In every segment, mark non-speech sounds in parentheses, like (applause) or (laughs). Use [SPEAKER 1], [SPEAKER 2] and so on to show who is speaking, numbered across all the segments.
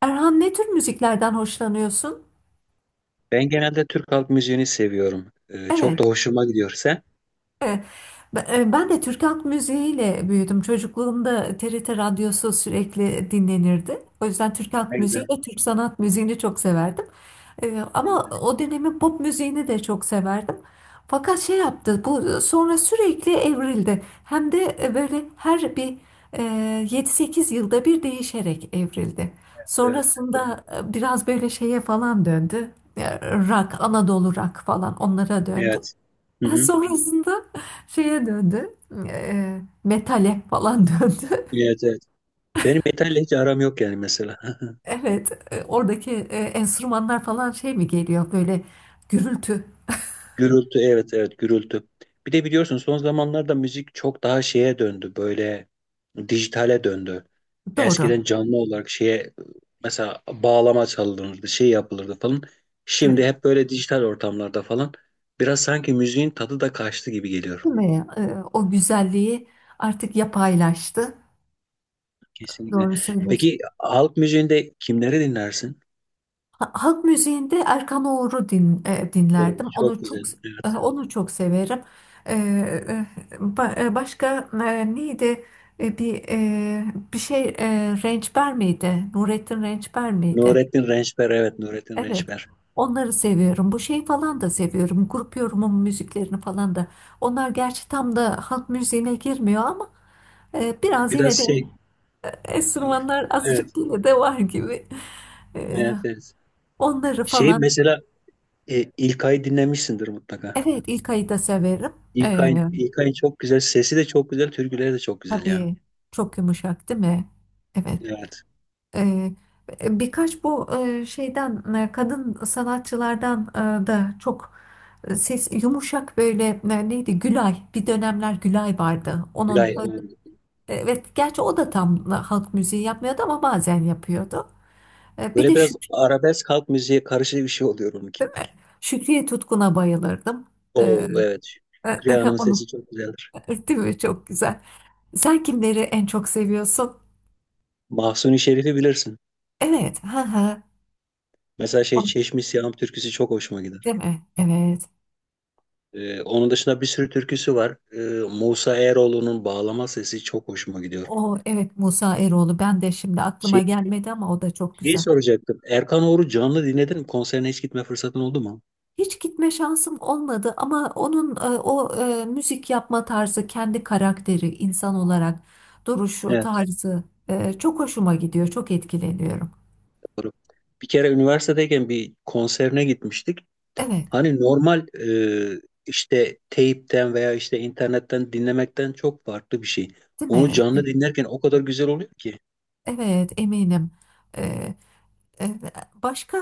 [SPEAKER 1] Erhan, ne tür müziklerden hoşlanıyorsun?
[SPEAKER 2] Ben genelde Türk halk müziğini seviyorum. Çok
[SPEAKER 1] Evet.
[SPEAKER 2] da hoşuma gidiyor. Sen?
[SPEAKER 1] E, ben de Türk halk müziğiyle büyüdüm. Çocukluğumda TRT radyosu sürekli dinlenirdi. O yüzden Türk halk
[SPEAKER 2] Ne
[SPEAKER 1] müziği
[SPEAKER 2] güzel,
[SPEAKER 1] ve Türk sanat müziğini çok severdim.
[SPEAKER 2] ne
[SPEAKER 1] Ama
[SPEAKER 2] güzel.
[SPEAKER 1] o dönemin pop müziğini de çok severdim. Fakat şey yaptı, bu sonra sürekli evrildi. Hem de böyle her bir e, 7-8 yılda bir değişerek evrildi.
[SPEAKER 2] Evet.
[SPEAKER 1] Sonrasında biraz böyle şeye falan döndü. E, Rock, Anadolu rock falan onlara döndü.
[SPEAKER 2] Evet. Hı
[SPEAKER 1] (laughs)
[SPEAKER 2] hı.
[SPEAKER 1] Sonrasında şeye döndü. Metale falan (laughs) döndü.
[SPEAKER 2] Evet, evet. Benim metalle hiç aram yok yani mesela. (laughs)
[SPEAKER 1] Evet, oradaki enstrümanlar falan şey mi geliyor böyle, gürültü.
[SPEAKER 2] Gürültü, evet, evet, gürültü. Bir de biliyorsun son zamanlarda müzik çok daha şeye döndü. Böyle dijitale döndü. Eskiden
[SPEAKER 1] Doğru.
[SPEAKER 2] canlı olarak şeye mesela bağlama çalınırdı, şey yapılırdı falan.
[SPEAKER 1] Evet.
[SPEAKER 2] Şimdi hep böyle dijital ortamlarda falan. Biraz sanki müziğin tadı da kaçtı gibi geliyor.
[SPEAKER 1] Değil mi? O güzelliği artık yapaylaştı.
[SPEAKER 2] Kesinlikle.
[SPEAKER 1] Doğru söylüyorsun.
[SPEAKER 2] Peki halk müziğinde kimleri dinlersin?
[SPEAKER 1] Halk müziğinde Erkan Oğur'u din, e,
[SPEAKER 2] O
[SPEAKER 1] dinlerdim.
[SPEAKER 2] çok
[SPEAKER 1] Onu çok
[SPEAKER 2] güzel.
[SPEAKER 1] e,
[SPEAKER 2] Evet.
[SPEAKER 1] onu çok severim. E, e, Başka neydi? E, bir e, bir şey, Rençber miydi? Nurettin Rençber miydi?
[SPEAKER 2] Nurettin Rençper. Evet, Nurettin
[SPEAKER 1] Evet.
[SPEAKER 2] Rençper.
[SPEAKER 1] Onları seviyorum. Bu şeyi falan da seviyorum. Grup yorumun müziklerini falan da. Onlar gerçi tam da halk müziğine girmiyor ama biraz
[SPEAKER 2] Biraz
[SPEAKER 1] yine de
[SPEAKER 2] şey. Evet.
[SPEAKER 1] enstrümanlar azıcık yine de var gibi. E,
[SPEAKER 2] Evet, evet.
[SPEAKER 1] Onları
[SPEAKER 2] Şey
[SPEAKER 1] falan.
[SPEAKER 2] mesela İlkay'ı dinlemişsindir mutlaka.
[SPEAKER 1] Evet, ilk ayı da severim. Ee,
[SPEAKER 2] İlkay'ın çok güzel. Sesi de çok güzel. Türküleri de çok güzel ya.
[SPEAKER 1] tabii, çok yumuşak, değil mi? Evet.
[SPEAKER 2] Evet.
[SPEAKER 1] Ee, Birkaç, bu şeyden, kadın sanatçılardan da çok ses yumuşak böyle, neydi? Gülay. Bir dönemler Gülay vardı. Onun,
[SPEAKER 2] Gülay.
[SPEAKER 1] evet, gerçi o da tam halk müziği yapmıyordu ama bazen yapıyordu. Bir de
[SPEAKER 2] Böyle biraz arabesk halk müziğe karışık bir şey oluyor onunki.
[SPEAKER 1] Şükriye Tutkun'a bayılırdım. Ee,
[SPEAKER 2] O evet. Şükriye Hanım'ın
[SPEAKER 1] Onu (laughs)
[SPEAKER 2] sesi çok güzeldir.
[SPEAKER 1] değil mi? Çok güzel. Sen kimleri en çok seviyorsun?
[SPEAKER 2] Mahsuni Şerif'i bilirsin.
[SPEAKER 1] Evet. Ha.
[SPEAKER 2] Mesela şey
[SPEAKER 1] O,
[SPEAKER 2] Çeşmi Siyahım türküsü çok hoşuma gider.
[SPEAKER 1] değil mi? Evet.
[SPEAKER 2] Onun dışında bir sürü türküsü var. Musa Eroğlu'nun bağlama sesi çok hoşuma gidiyor.
[SPEAKER 1] O, evet. Musa Eroğlu. Ben de şimdi aklıma
[SPEAKER 2] Şey,
[SPEAKER 1] gelmedi ama o da çok
[SPEAKER 2] şeyi
[SPEAKER 1] güzel.
[SPEAKER 2] soracaktım. Erkan Oğur'u canlı dinledin mi? Konserine hiç gitme fırsatın oldu mu?
[SPEAKER 1] Hiç gitme şansım olmadı ama onun o müzik yapma tarzı, kendi karakteri, insan olarak duruşu,
[SPEAKER 2] Evet,
[SPEAKER 1] tarzı çok hoşuma gidiyor. Çok etkileniyorum.
[SPEAKER 2] doğru. Bir kere üniversitedeyken bir konserine gitmiştik.
[SPEAKER 1] Evet,
[SPEAKER 2] Hani normal işte teypten veya işte internetten dinlemekten çok farklı bir şey.
[SPEAKER 1] değil
[SPEAKER 2] Onu
[SPEAKER 1] mi?
[SPEAKER 2] canlı
[SPEAKER 1] Evet,
[SPEAKER 2] dinlerken o kadar güzel oluyor ki.
[SPEAKER 1] evet, eminim. E, E, Başka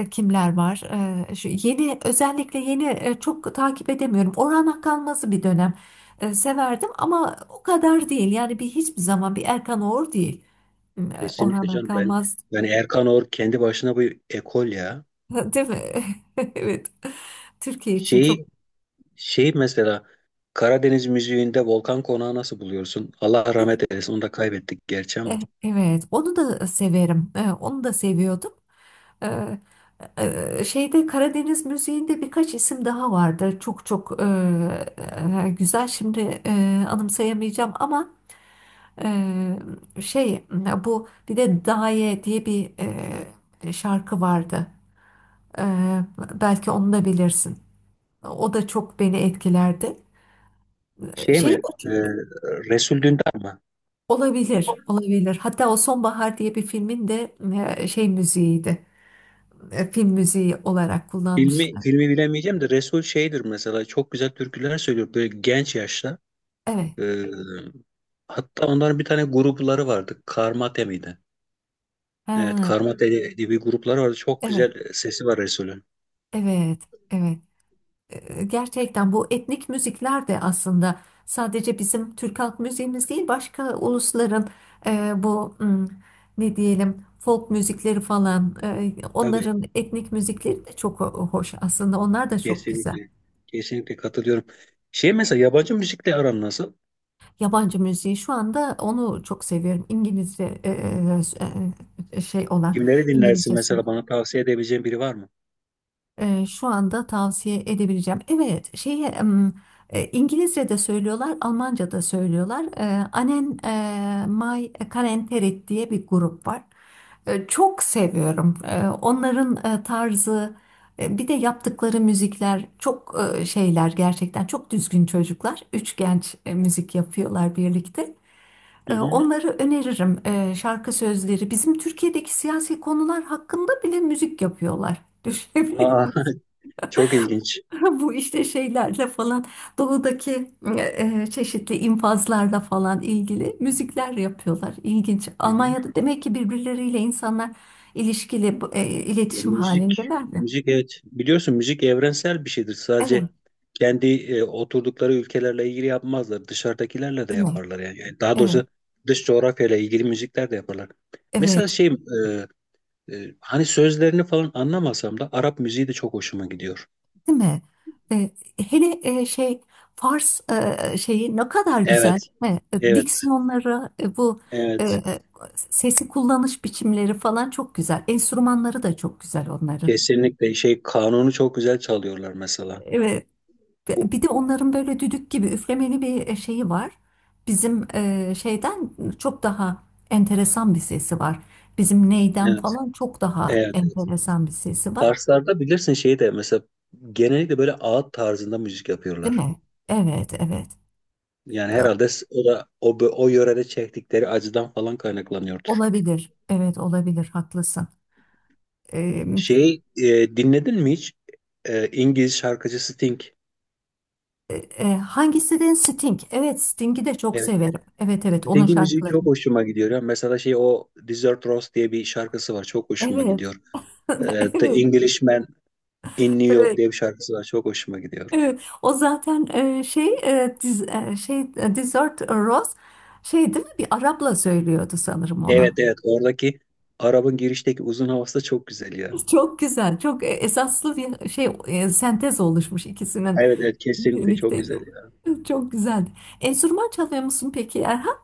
[SPEAKER 1] kimler var? Şu yeni, özellikle yeni çok takip edemiyorum. Orhan Akalmaz'ı bir dönem severdim ama o kadar değil. Yani bir, hiçbir zaman bir Erkan Oğur değil.
[SPEAKER 2] Kesinlikle
[SPEAKER 1] Orhan
[SPEAKER 2] canım ben
[SPEAKER 1] Akalmaz
[SPEAKER 2] yani Erkan Oğur kendi başına bir ekol ya.
[SPEAKER 1] (laughs) değil mi? (laughs) Evet. Türkiye için
[SPEAKER 2] Şeyi
[SPEAKER 1] çok.
[SPEAKER 2] şey mesela Karadeniz müziğinde Volkan Konağı nasıl buluyorsun? Allah
[SPEAKER 1] E,
[SPEAKER 2] rahmet eylesin. Onu da kaybettik gerçi ama.
[SPEAKER 1] Evet, onu da severim. Onu da seviyordum. Şeyde, Karadeniz müziğinde birkaç isim daha vardı. Çok çok güzel. Şimdi anımsayamayacağım ama e, şey, bu bir de Daye diye bir şarkı vardı. E, Belki onu da bilirsin. O da çok beni etkilerdi.
[SPEAKER 2] Şey
[SPEAKER 1] Şey,
[SPEAKER 2] mi? Resul Dündar mı?
[SPEAKER 1] olabilir, olabilir. Hatta o Sonbahar diye bir filmin de şey müziğiydi. Film müziği olarak
[SPEAKER 2] Filmi,
[SPEAKER 1] kullanmışlar.
[SPEAKER 2] filmi bilemeyeceğim de Resul şeydir mesela. Çok güzel türküler söylüyor böyle genç yaşta.
[SPEAKER 1] Evet.
[SPEAKER 2] E, Hatta onların bir tane grupları vardı. Karmate miydi? Evet,
[SPEAKER 1] Ha,
[SPEAKER 2] Karmate diye bir grupları vardı. Çok
[SPEAKER 1] evet.
[SPEAKER 2] güzel sesi var Resul'ün.
[SPEAKER 1] Evet. Evet. Gerçekten bu etnik müzikler de aslında sadece bizim Türk halk müziğimiz değil, başka ulusların bu, ne diyelim, folk müzikleri falan,
[SPEAKER 2] Tabii
[SPEAKER 1] onların etnik müzikleri de çok hoş, aslında onlar da çok güzel.
[SPEAKER 2] kesinlikle. Kesinlikle katılıyorum. Şey mesela yabancı müzikle aran nasıl?
[SPEAKER 1] Yabancı müziği şu anda onu çok seviyorum, İngilizce şey olan
[SPEAKER 2] Kimleri dinlersin
[SPEAKER 1] İngilizce.
[SPEAKER 2] mesela, bana tavsiye edebileceğin biri var mı?
[SPEAKER 1] Şu anda tavsiye edebileceğim. Evet, şeye, İngilizce'de söylüyorlar, Almanca'da söylüyorlar. Anen May Kalenterit diye bir grup var. Çok seviyorum. Onların tarzı, bir de yaptıkları müzikler çok şeyler, gerçekten çok düzgün çocuklar. Üç genç müzik yapıyorlar birlikte.
[SPEAKER 2] Hı hı.
[SPEAKER 1] Onları öneririm. Şarkı sözleri, bizim Türkiye'deki siyasi konular hakkında bile müzik yapıyorlar. (laughs) Düşünebiliyor.
[SPEAKER 2] Aa, (laughs) çok ilginç.
[SPEAKER 1] (laughs) Bu işte şeylerle falan, doğudaki e, çeşitli infazlarla falan ilgili müzikler yapıyorlar. İlginç.
[SPEAKER 2] Hı hı.
[SPEAKER 1] Almanya'da demek ki birbirleriyle insanlar ilişkili,
[SPEAKER 2] Ya,
[SPEAKER 1] iletişim
[SPEAKER 2] müzik,
[SPEAKER 1] halindeler mi?
[SPEAKER 2] müzik evet. Biliyorsun müzik evrensel bir şeydir. Sadece
[SPEAKER 1] Evet,
[SPEAKER 2] kendi oturdukları ülkelerle ilgili yapmazlar. Dışarıdakilerle de
[SPEAKER 1] değil mi?
[SPEAKER 2] yaparlar yani. Yani daha
[SPEAKER 1] Evet,
[SPEAKER 2] doğrusu dış coğrafyayla ilgili müzikler de yaparlar. Mesela
[SPEAKER 1] evet,
[SPEAKER 2] şey hani sözlerini falan anlamasam da Arap müziği de çok hoşuma gidiyor.
[SPEAKER 1] değil mi? E, Hele şey, Fars şeyi ne kadar güzel,
[SPEAKER 2] Evet,
[SPEAKER 1] değil mi?
[SPEAKER 2] evet,
[SPEAKER 1] Diksiyonları, bu e,
[SPEAKER 2] evet.
[SPEAKER 1] e, sesi kullanış biçimleri falan çok güzel. Enstrümanları da çok güzel onların.
[SPEAKER 2] Kesinlikle şey kanunu çok güzel çalıyorlar mesela.
[SPEAKER 1] Evet. Ve
[SPEAKER 2] Bu-
[SPEAKER 1] bir de onların böyle düdük gibi üflemeli bir şeyi var. Bizim şeyden çok daha enteresan bir sesi var. Bizim neyden
[SPEAKER 2] Evet,
[SPEAKER 1] falan çok daha
[SPEAKER 2] evet, evet.
[SPEAKER 1] enteresan bir sesi var,
[SPEAKER 2] Farslarda bilirsin şeyi de mesela genellikle böyle ağıt tarzında müzik
[SPEAKER 1] değil
[SPEAKER 2] yapıyorlar.
[SPEAKER 1] mi? Evet, evet.
[SPEAKER 2] Yani
[SPEAKER 1] E,
[SPEAKER 2] herhalde o da o yörede çektikleri acıdan falan kaynaklanıyordur.
[SPEAKER 1] Olabilir. Evet, olabilir. Haklısın. E,
[SPEAKER 2] Şey dinledin mi hiç? İngiliz şarkıcı Sting.
[SPEAKER 1] Hangisi Sting? Evet, Sting'i de çok
[SPEAKER 2] Evet.
[SPEAKER 1] severim. Evet, evet. Onun
[SPEAKER 2] Sting'in müziği
[SPEAKER 1] şarkıları.
[SPEAKER 2] çok hoşuma gidiyor ya. Mesela şey o Desert Rose diye bir şarkısı var. Çok hoşuma
[SPEAKER 1] Evet.
[SPEAKER 2] gidiyor.
[SPEAKER 1] (laughs)
[SPEAKER 2] The
[SPEAKER 1] Evet.
[SPEAKER 2] Englishman in New York
[SPEAKER 1] Evet.
[SPEAKER 2] diye bir şarkısı var. Çok hoşuma gidiyor.
[SPEAKER 1] Evet, o zaten e, şey e, diz, e, şey e, Desert Rose şey, değil mi? Bir Arap'la söylüyordu sanırım
[SPEAKER 2] Evet,
[SPEAKER 1] onu.
[SPEAKER 2] evet, oradaki Arap'ın girişteki uzun havası da çok güzel ya.
[SPEAKER 1] Çok güzel, çok esaslı bir şey, sentez oluşmuş ikisinin
[SPEAKER 2] Evet, evet, kesinlikle
[SPEAKER 1] birlikte.
[SPEAKER 2] çok güzel ya.
[SPEAKER 1] Evet, çok güzel. Enstrüman çalıyor musun peki Erhan?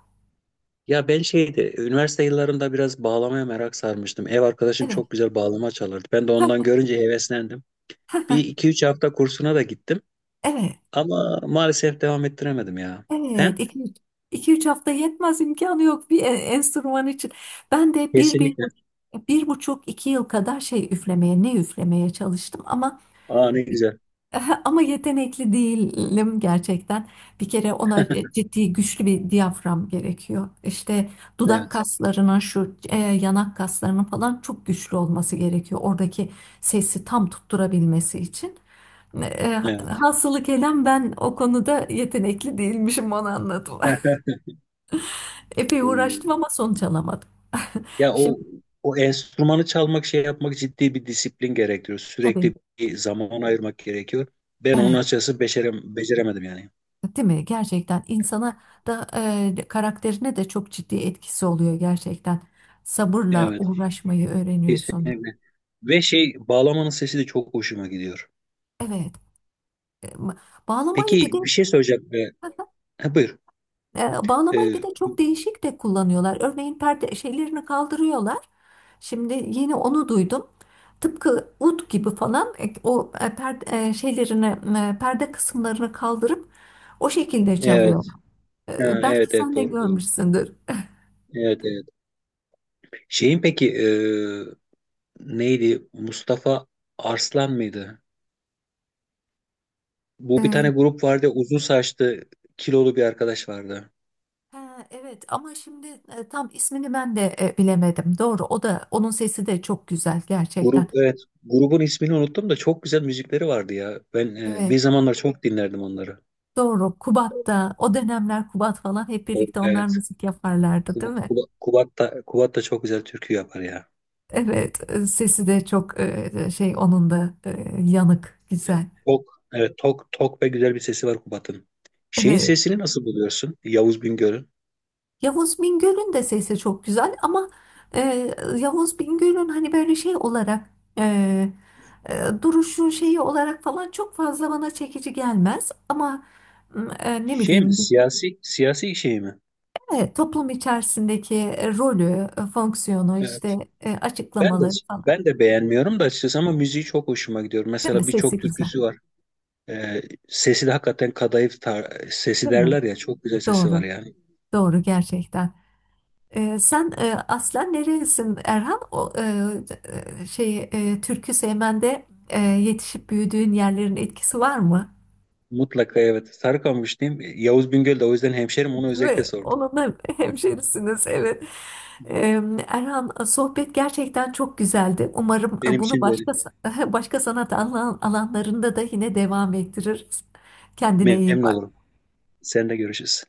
[SPEAKER 2] Ya ben şeyde üniversite yıllarımda biraz bağlamaya merak sarmıştım. Ev arkadaşım
[SPEAKER 1] Evet.
[SPEAKER 2] çok güzel bağlama çalardı. Ben de ondan
[SPEAKER 1] (laughs)
[SPEAKER 2] görünce heveslendim.
[SPEAKER 1] Ha, ha, ha.
[SPEAKER 2] Bir iki üç hafta kursuna da gittim.
[SPEAKER 1] Evet.
[SPEAKER 2] Ama maalesef devam ettiremedim ya.
[SPEAKER 1] Evet.
[SPEAKER 2] Sen?
[SPEAKER 1] İki üç hafta yetmez, imkanı yok bir enstrüman için. Ben de
[SPEAKER 2] Kesinlikle.
[SPEAKER 1] bir buçuk iki yıl kadar şey üflemeye, ne üflemeye çalıştım ama
[SPEAKER 2] Aa, ne güzel.
[SPEAKER 1] (laughs) ama yetenekli değilim gerçekten. Bir kere ona ciddi, güçlü bir diyafram gerekiyor. İşte dudak
[SPEAKER 2] Evet.
[SPEAKER 1] kaslarının, şu yanak kaslarının falan çok güçlü olması gerekiyor. Oradaki sesi tam tutturabilmesi için. E, e,
[SPEAKER 2] Evet.
[SPEAKER 1] Hasılı kelam, ben o konuda yetenekli değilmişim, onu anladım. (laughs) Epey uğraştım
[SPEAKER 2] Ee,
[SPEAKER 1] ama sonuç alamadım.
[SPEAKER 2] Ya
[SPEAKER 1] Şimdi,
[SPEAKER 2] o enstrümanı çalmak şey yapmak ciddi bir disiplin gerektiriyor.
[SPEAKER 1] tabii.
[SPEAKER 2] Sürekli bir zaman ayırmak gerekiyor. Ben onun
[SPEAKER 1] Evet.
[SPEAKER 2] açıkçası becerem, beceremedim yani.
[SPEAKER 1] Değil mi? Gerçekten insana da, karakterine de çok ciddi etkisi oluyor gerçekten. Sabırla
[SPEAKER 2] Evet.
[SPEAKER 1] uğraşmayı öğreniyorsun.
[SPEAKER 2] Kesinlikle. Ve şey bağlamanın sesi de çok hoşuma gidiyor.
[SPEAKER 1] Evet. e, ma- Bağlamayı bir de
[SPEAKER 2] Peki bir şey soracak mı?
[SPEAKER 1] (laughs)
[SPEAKER 2] Ha, buyur.
[SPEAKER 1] Bağlamayı bir de
[SPEAKER 2] Ee,
[SPEAKER 1] çok değişik de kullanıyorlar. Örneğin perde şeylerini kaldırıyorlar. Şimdi yeni onu duydum. Tıpkı ud gibi falan, o perde e, şeylerini e, perde kısımlarını kaldırıp o şekilde
[SPEAKER 2] evet.
[SPEAKER 1] çalıyorlar.
[SPEAKER 2] Ha, evet,
[SPEAKER 1] Belki
[SPEAKER 2] evet,
[SPEAKER 1] sen de
[SPEAKER 2] doğru doğru.
[SPEAKER 1] görmüşsündür.
[SPEAKER 2] Evet, evet. Şeyin peki neydi? Mustafa Arslan mıydı? Bu bir tane
[SPEAKER 1] (laughs)
[SPEAKER 2] grup vardı. Uzun saçlı kilolu bir arkadaş vardı.
[SPEAKER 1] Ha, evet ama şimdi tam ismini ben de bilemedim. Doğru, o da, onun sesi de çok güzel gerçekten.
[SPEAKER 2] Grup evet. Grubun ismini unuttum da çok güzel müzikleri vardı ya. Ben bir
[SPEAKER 1] Evet,
[SPEAKER 2] zamanlar çok dinlerdim onları.
[SPEAKER 1] doğru, Kubat'ta o dönemler Kubat falan hep
[SPEAKER 2] O,
[SPEAKER 1] birlikte onlar
[SPEAKER 2] evet.
[SPEAKER 1] müzik yaparlardı,
[SPEAKER 2] Kuba,
[SPEAKER 1] değil mi?
[SPEAKER 2] Kuba, Kubat da, Kubat da çok güzel türkü yapar ya.
[SPEAKER 1] Evet, sesi de çok şey, onun da yanık, güzel.
[SPEAKER 2] Tok, evet, tok, tok ve güzel bir sesi var Kubat'ın. Şeyin
[SPEAKER 1] Evet,
[SPEAKER 2] sesini nasıl buluyorsun? Yavuz Bingöl'ün.
[SPEAKER 1] Yavuz Bingöl'ün de sesi çok güzel ama e, Yavuz Bingöl'ün hani böyle şey olarak e, duruşu, şeyi olarak falan çok fazla bana çekici gelmez ama ne
[SPEAKER 2] Şey mi?
[SPEAKER 1] bileyim,
[SPEAKER 2] Siyasi şey mi?
[SPEAKER 1] toplum içerisindeki rolü, fonksiyonu,
[SPEAKER 2] Evet.
[SPEAKER 1] işte
[SPEAKER 2] Ben de
[SPEAKER 1] açıklamaları falan.
[SPEAKER 2] ben de beğenmiyorum da açıkçası ama müziği çok hoşuma gidiyor.
[SPEAKER 1] Değil mi?
[SPEAKER 2] Mesela birçok
[SPEAKER 1] Sesi güzel.
[SPEAKER 2] türküsü var. Ee, Sesi de hakikaten kadayıf tar- sesi
[SPEAKER 1] Değil mi?
[SPEAKER 2] derler ya, çok güzel sesi var
[SPEAKER 1] Doğru.
[SPEAKER 2] yani.
[SPEAKER 1] Doğru gerçekten. Sen aslen nerelisin Erhan? O şey, türkü sevmende yetişip büyüdüğün yerlerin etkisi var mı?
[SPEAKER 2] Mutlaka evet. Sarıkamış diyeyim. Yavuz Bingöl de o yüzden hemşerim, onu özellikle
[SPEAKER 1] Ve
[SPEAKER 2] sordum.
[SPEAKER 1] onun (laughs) hemşerisiniz, evet.
[SPEAKER 2] Hı.
[SPEAKER 1] Erhan, sohbet gerçekten çok güzeldi. Umarım
[SPEAKER 2] Benim
[SPEAKER 1] bunu
[SPEAKER 2] için de öyle.
[SPEAKER 1] başka (laughs) başka sanat alanlarında da yine devam ettiririz. Kendine iyi
[SPEAKER 2] Memnun olurum.
[SPEAKER 1] bak.
[SPEAKER 2] Seninle görüşürüz.